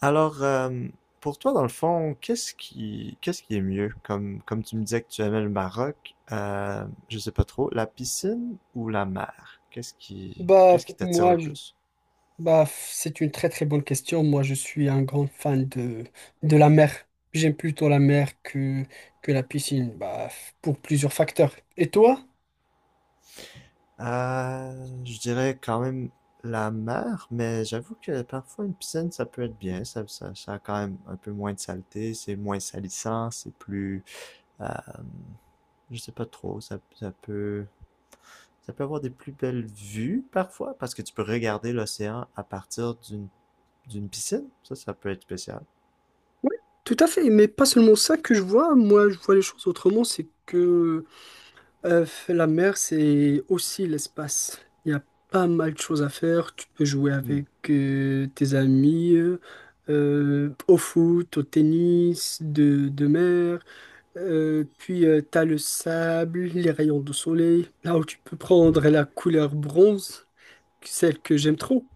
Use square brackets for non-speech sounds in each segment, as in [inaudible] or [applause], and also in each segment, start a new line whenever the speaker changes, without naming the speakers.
Alors, euh, pour toi, dans le fond, qu'est-ce qui est mieux? Comme tu me disais que tu aimais le Maroc, je sais pas trop, la piscine ou la mer?
Bah,
Qu'est-ce
f-
qui t'attire
moi,
le
je-
plus?
bah, f- c'est une très très bonne question. Moi, je suis un grand fan de la mer. J'aime plutôt la mer que la piscine, pour plusieurs facteurs. Et toi?
Je dirais quand même la mer, mais j'avoue que parfois une piscine, ça peut être bien. Ça a quand même un peu moins de saleté, c'est moins salissant, euh, je sais pas trop, ça peut avoir des plus belles vues parfois, parce que tu peux regarder l'océan à partir d'une piscine. Ça peut être spécial.
Oui, tout à fait, mais pas seulement ça que je vois. Moi, je vois les choses autrement. C'est que euh, la mer, c'est aussi l'espace. Il y a pas mal de choses à faire. Tu peux jouer
Hmm.
avec tes amis, au foot, au tennis, de mer. Puis t'as le sable, les rayons de soleil, là où tu peux prendre la couleur bronze, celle que j'aime trop.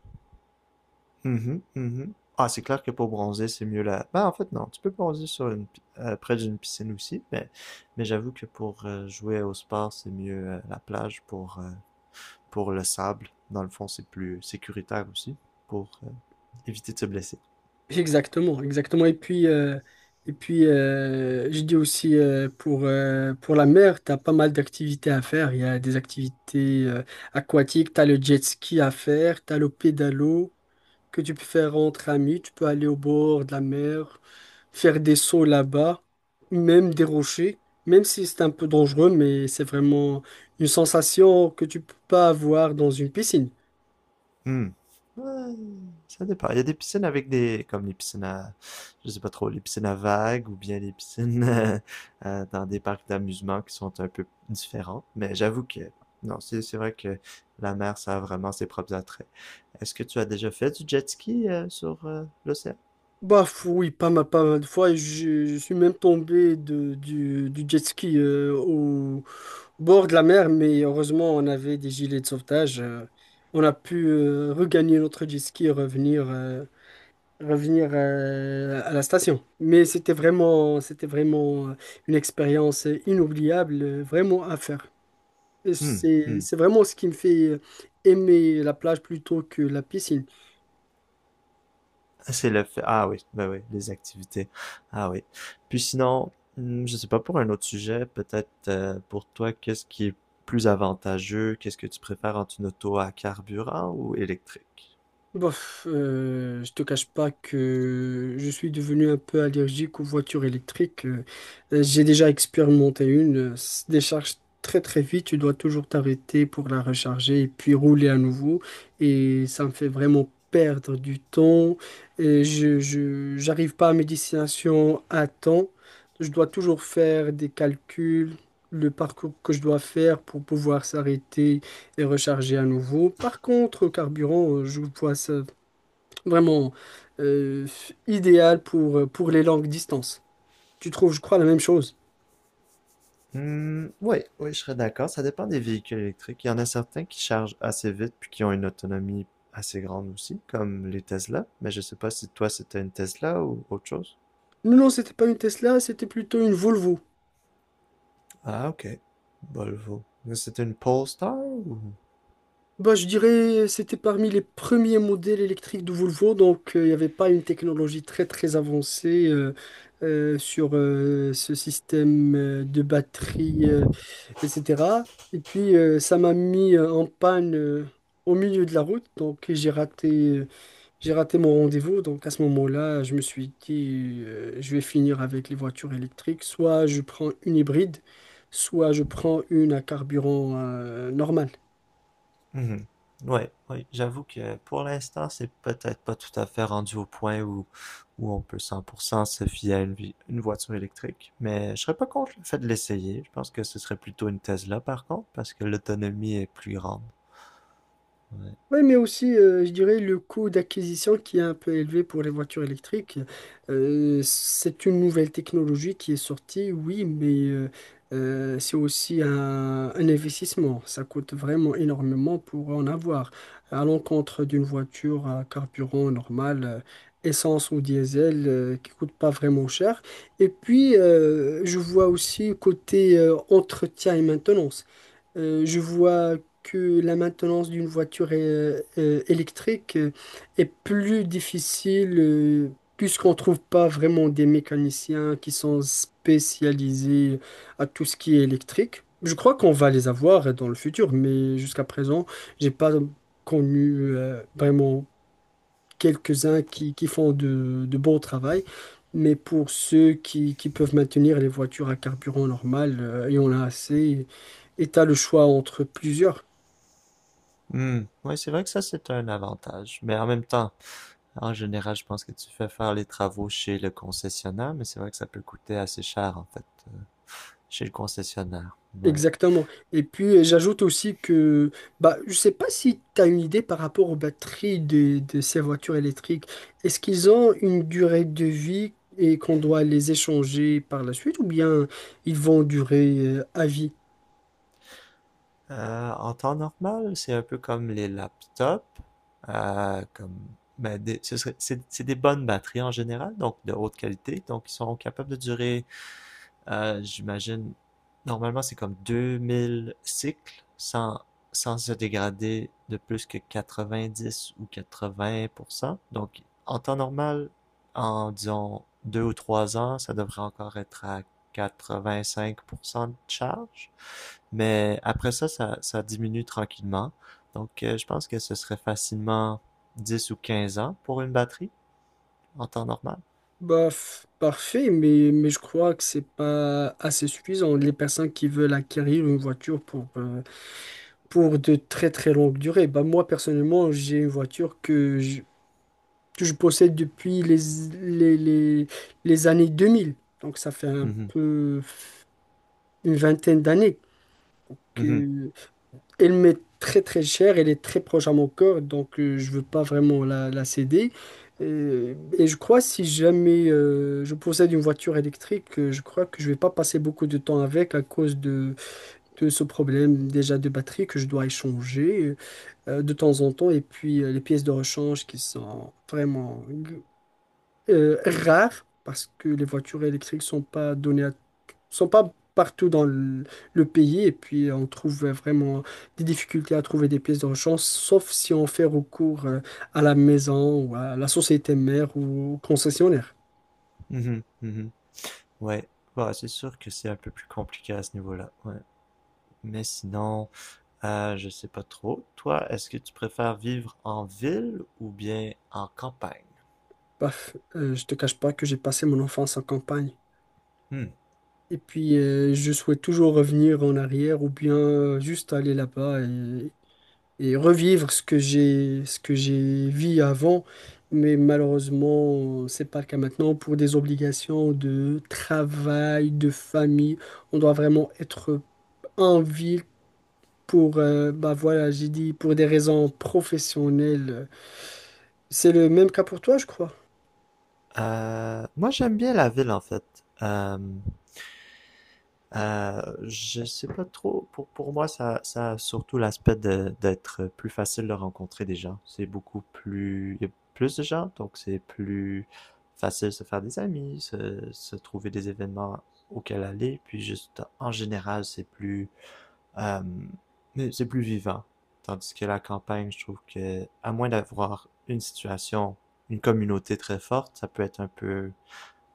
Mhm, mhm. Ah, c'est clair que pour bronzer, c'est mieux là. Ben, en fait, non. Tu peux bronzer sur près d'une piscine aussi, mais j'avoue que pour jouer au sport, c'est mieux la plage pour le sable. Dans le fond, c'est plus sécuritaire aussi pour éviter de se blesser.
Exactement, exactement. Et puis, je dis aussi pour la mer, t'as pas mal d'activités à faire. Il y a des activités aquatiques, t'as le jet ski à faire, t'as le pédalo que tu peux faire entre amis. Tu peux aller au bord de la mer, faire des sauts là-bas, même des rochers, même si c'est un peu dangereux, mais c'est vraiment une sensation que tu peux pas avoir dans une piscine.
Hmm. Ouais, ça dépend. Il y a des piscines avec des, comme les piscines à, je sais pas trop, les piscines à vagues ou bien les piscines [laughs] dans des parcs d'amusement qui sont un peu différents. Non, c'est vrai que la mer, ça a vraiment ses propres attraits. Est-ce que tu as déjà fait du jet ski sur l'océan?
Oui, pas mal, pas mal de fois, et je suis même tombé du jet ski au bord de la mer, mais heureusement on avait des gilets de sauvetage. On a pu regagner notre jet ski et revenir. Revenir à la station. Mais c'était vraiment, c'était vraiment une expérience inoubliable, vraiment à faire. Et
Hmm,
C'est,
hmm.
c'est vraiment ce qui me fait aimer la plage plutôt que la piscine.
C'est le fait. Ah oui, ben oui, les activités. Ah oui. Puis sinon, hmm, je sais pas pour un autre sujet, peut-être pour toi, qu'est-ce qui est plus avantageux? Qu'est-ce que tu préfères entre une auto à carburant ou électrique?
Je te cache pas que je suis devenu un peu allergique aux voitures électriques. J'ai déjà expérimenté une, se décharge très très vite, tu dois toujours t'arrêter pour la recharger et puis rouler à nouveau. Et ça me fait vraiment perdre du temps. Et j'arrive pas à mes destinations à temps. Je dois toujours faire des calculs, le parcours que je dois faire pour pouvoir s'arrêter et recharger à nouveau. Par contre, au carburant, je vois ça vraiment euh, idéal pour les longues distances. Tu trouves, je crois, la même chose.
Hmm, oui, oui, je serais d'accord. Ça dépend des véhicules électriques. Il y en a certains qui chargent assez vite puis qui ont une autonomie assez grande aussi, comme les Tesla. Mais je sais pas si toi c'était une Tesla ou autre chose.
Non, non, c'était pas une Tesla, c'était plutôt une Volvo.
Ah ok, Volvo. Mais c'était une Polestar ou?
Bah, je dirais, c'était parmi les premiers modèles électriques de Volvo, donc il n'y avait pas une technologie très très avancée sur ce système de batterie, etc. Et puis, ça m'a mis en panne au milieu de la route, donc euh, j'ai raté mon rendez-vous, donc à ce moment-là, je me suis dit, je vais finir avec les voitures électriques. Soit je prends une hybride, soit je prends une à carburant normal.
Mhm. Ouais, ouais, j'avoue que pour l'instant, c'est peut-être pas tout à fait rendu au point où on peut 100% se fier à une voiture électrique, mais je serais pas contre le fait de l'essayer. Je pense que ce serait plutôt une Tesla par contre, parce que l'autonomie est plus grande. Ouais.
Oui, mais aussi, je dirais, le coût d'acquisition qui est un peu élevé pour les voitures électriques. C'est une nouvelle technologie qui est sortie, oui, mais c'est aussi un investissement. Ça coûte vraiment énormément pour en avoir. À l'encontre d'une voiture à carburant normal, essence ou diesel, qui coûte pas vraiment cher. Et puis, je vois aussi côté entretien et maintenance. Je vois que la maintenance d'une voiture électrique est plus difficile, puisqu'on ne trouve pas vraiment des mécaniciens qui sont spécialisés à tout ce qui est électrique. Je crois qu'on va les avoir dans le futur, mais jusqu'à présent, j'ai pas connu vraiment quelques-uns qui font de bons travail. Mais pour ceux qui peuvent maintenir les voitures à carburant normal, il y en a assez. Et tu as le choix entre plusieurs.
Hmm. Ouais, c'est vrai que ça, c'est un avantage, mais en même temps, en général, je pense que tu fais faire les travaux chez le concessionnaire, mais c'est vrai que ça peut coûter assez cher en fait, chez le concessionnaire. Ouais.
Exactement. Et puis, j'ajoute aussi que bah, je sais pas si tu as une idée par rapport aux batteries de ces voitures électriques. Est-ce qu'ils ont une durée de vie et qu'on doit les échanger par la suite ou bien ils vont durer à vie?
En temps normal, c'est un peu comme les laptops, comme, mais des- ce serait- c'est des bonnes batteries en général, donc de haute qualité, donc ils sont capables de durer j'imagine, normalement, c'est comme 2000 cycles sans se dégrader de plus que 90 ou 80%. Donc, en temps normal, en disons 2 ou 3 ans, ça devrait encore être à 85% de charge. Mais après ça, ça diminue tranquillement. Donc, je pense que ce serait facilement 10 ou 15 ans pour une batterie en temps normal.
Parfait, mais je crois que c'est pas assez suffisant. Les personnes qui veulent acquérir une voiture pour de très très longues durées. Bah, moi, personnellement, j'ai une voiture que je possède depuis les, les, les années 2000. Donc ça fait un
Mhm,
peu une vingtaine d'années
mhm,
que elle m'est très très chère, elle est très proche à mon cœur, donc je veux pas vraiment la céder. Et je crois si jamais je possède une voiture électrique, je crois que je vais pas passer beaucoup de temps avec à cause de ce problème déjà de batterie que je dois échanger de temps en temps et puis les pièces de rechange qui sont vraiment rare parce que les voitures électriques sont pas partout dans le pays et puis on trouve vraiment des difficultés à trouver des pièces de rechange, sauf si on fait recours à la maison ou à la société mère ou au concessionnaire.
mhm, mhm. Ouais, bah, c'est sûr que c'est un peu plus compliqué à ce niveau-là. Ouais. Mais sinon, je sais pas trop. Toi, est-ce que tu préfères vivre en ville ou bien en campagne?
Je te cache pas que j'ai passé mon enfance en campagne.
Hmm.
Et puis, je souhaite toujours revenir en arrière ou bien juste aller là-bas et revivre ce que j'ai vu avant. Mais malheureusement, c'est pas le cas maintenant. Pour des obligations de travail, de famille, on doit vraiment être en ville pour, bah voilà, j'ai dit, pour des raisons professionnelles. C'est le même cas pour toi, je crois.
Moi, j'aime bien la ville en fait. Euh, je sais pas trop. Pour moi, ça a surtout l'aspect de- d'être plus facile de rencontrer des gens. C'est beaucoup plus. Il y a plus de gens, donc c'est plus facile de se faire des amis, se trouver des événements auxquels aller. Puis juste en général, euh, mais c'est plus vivant. Tandis que la campagne, je trouve que, à moins d'avoir une situation, une communauté très forte, ça peut être un peu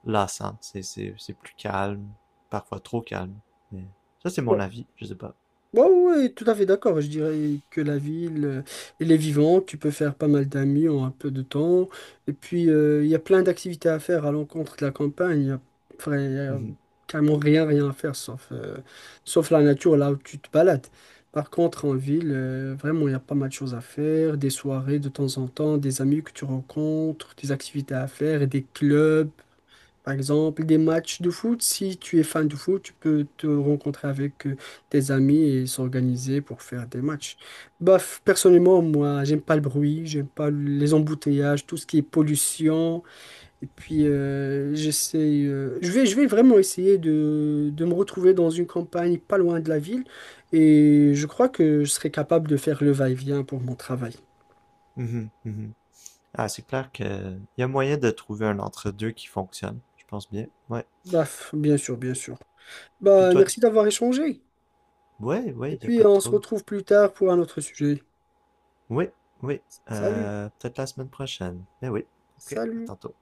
lassant. C'est plus calme, parfois trop calme. Mais ça, c'est mon avis, je sais pas.
Ouais, ouais, ouais, tout à fait d'accord. Je dirais que la ville, elle est vivante, tu peux faire pas mal d'amis en un peu de temps. Et puis, il y a plein d'activités à faire à l'encontre de la campagne. Il y a
Mhm,
carrément rien, rien à faire, sauf, sauf la nature, là où tu te balades. Par contre, en ville, vraiment, il y a pas mal de choses à faire, des soirées de temps en temps, des amis que tu rencontres, des activités à faire, et des clubs. Par exemple, des matchs de foot, si tu es fan de foot, tu peux te rencontrer avec tes amis et s'organiser pour faire des matchs. Personnellement, moi, j'aime pas le bruit, j'aime pas les embouteillages, tout ce qui est pollution. Et puis, je vais vraiment essayer de me retrouver dans une campagne pas loin de la ville. Et je crois que je serai capable de faire le va-et-vient pour mon travail.
mhm, mhm. Ah, c'est clair que y a moyen de trouver un entre-deux qui fonctionne. Je pense bien. Ouais.
Bien sûr, bien sûr.
Puis
Bah,
toi, tu...
merci d'avoir échangé.
Ouais,
Et
ouais, y a
puis,
pas de
on se
trouble.
retrouve plus tard pour un autre sujet.
Oui, oui.
Salut,
Peut-être la semaine prochaine. Mais oui. Ok, à
salut.
tantôt.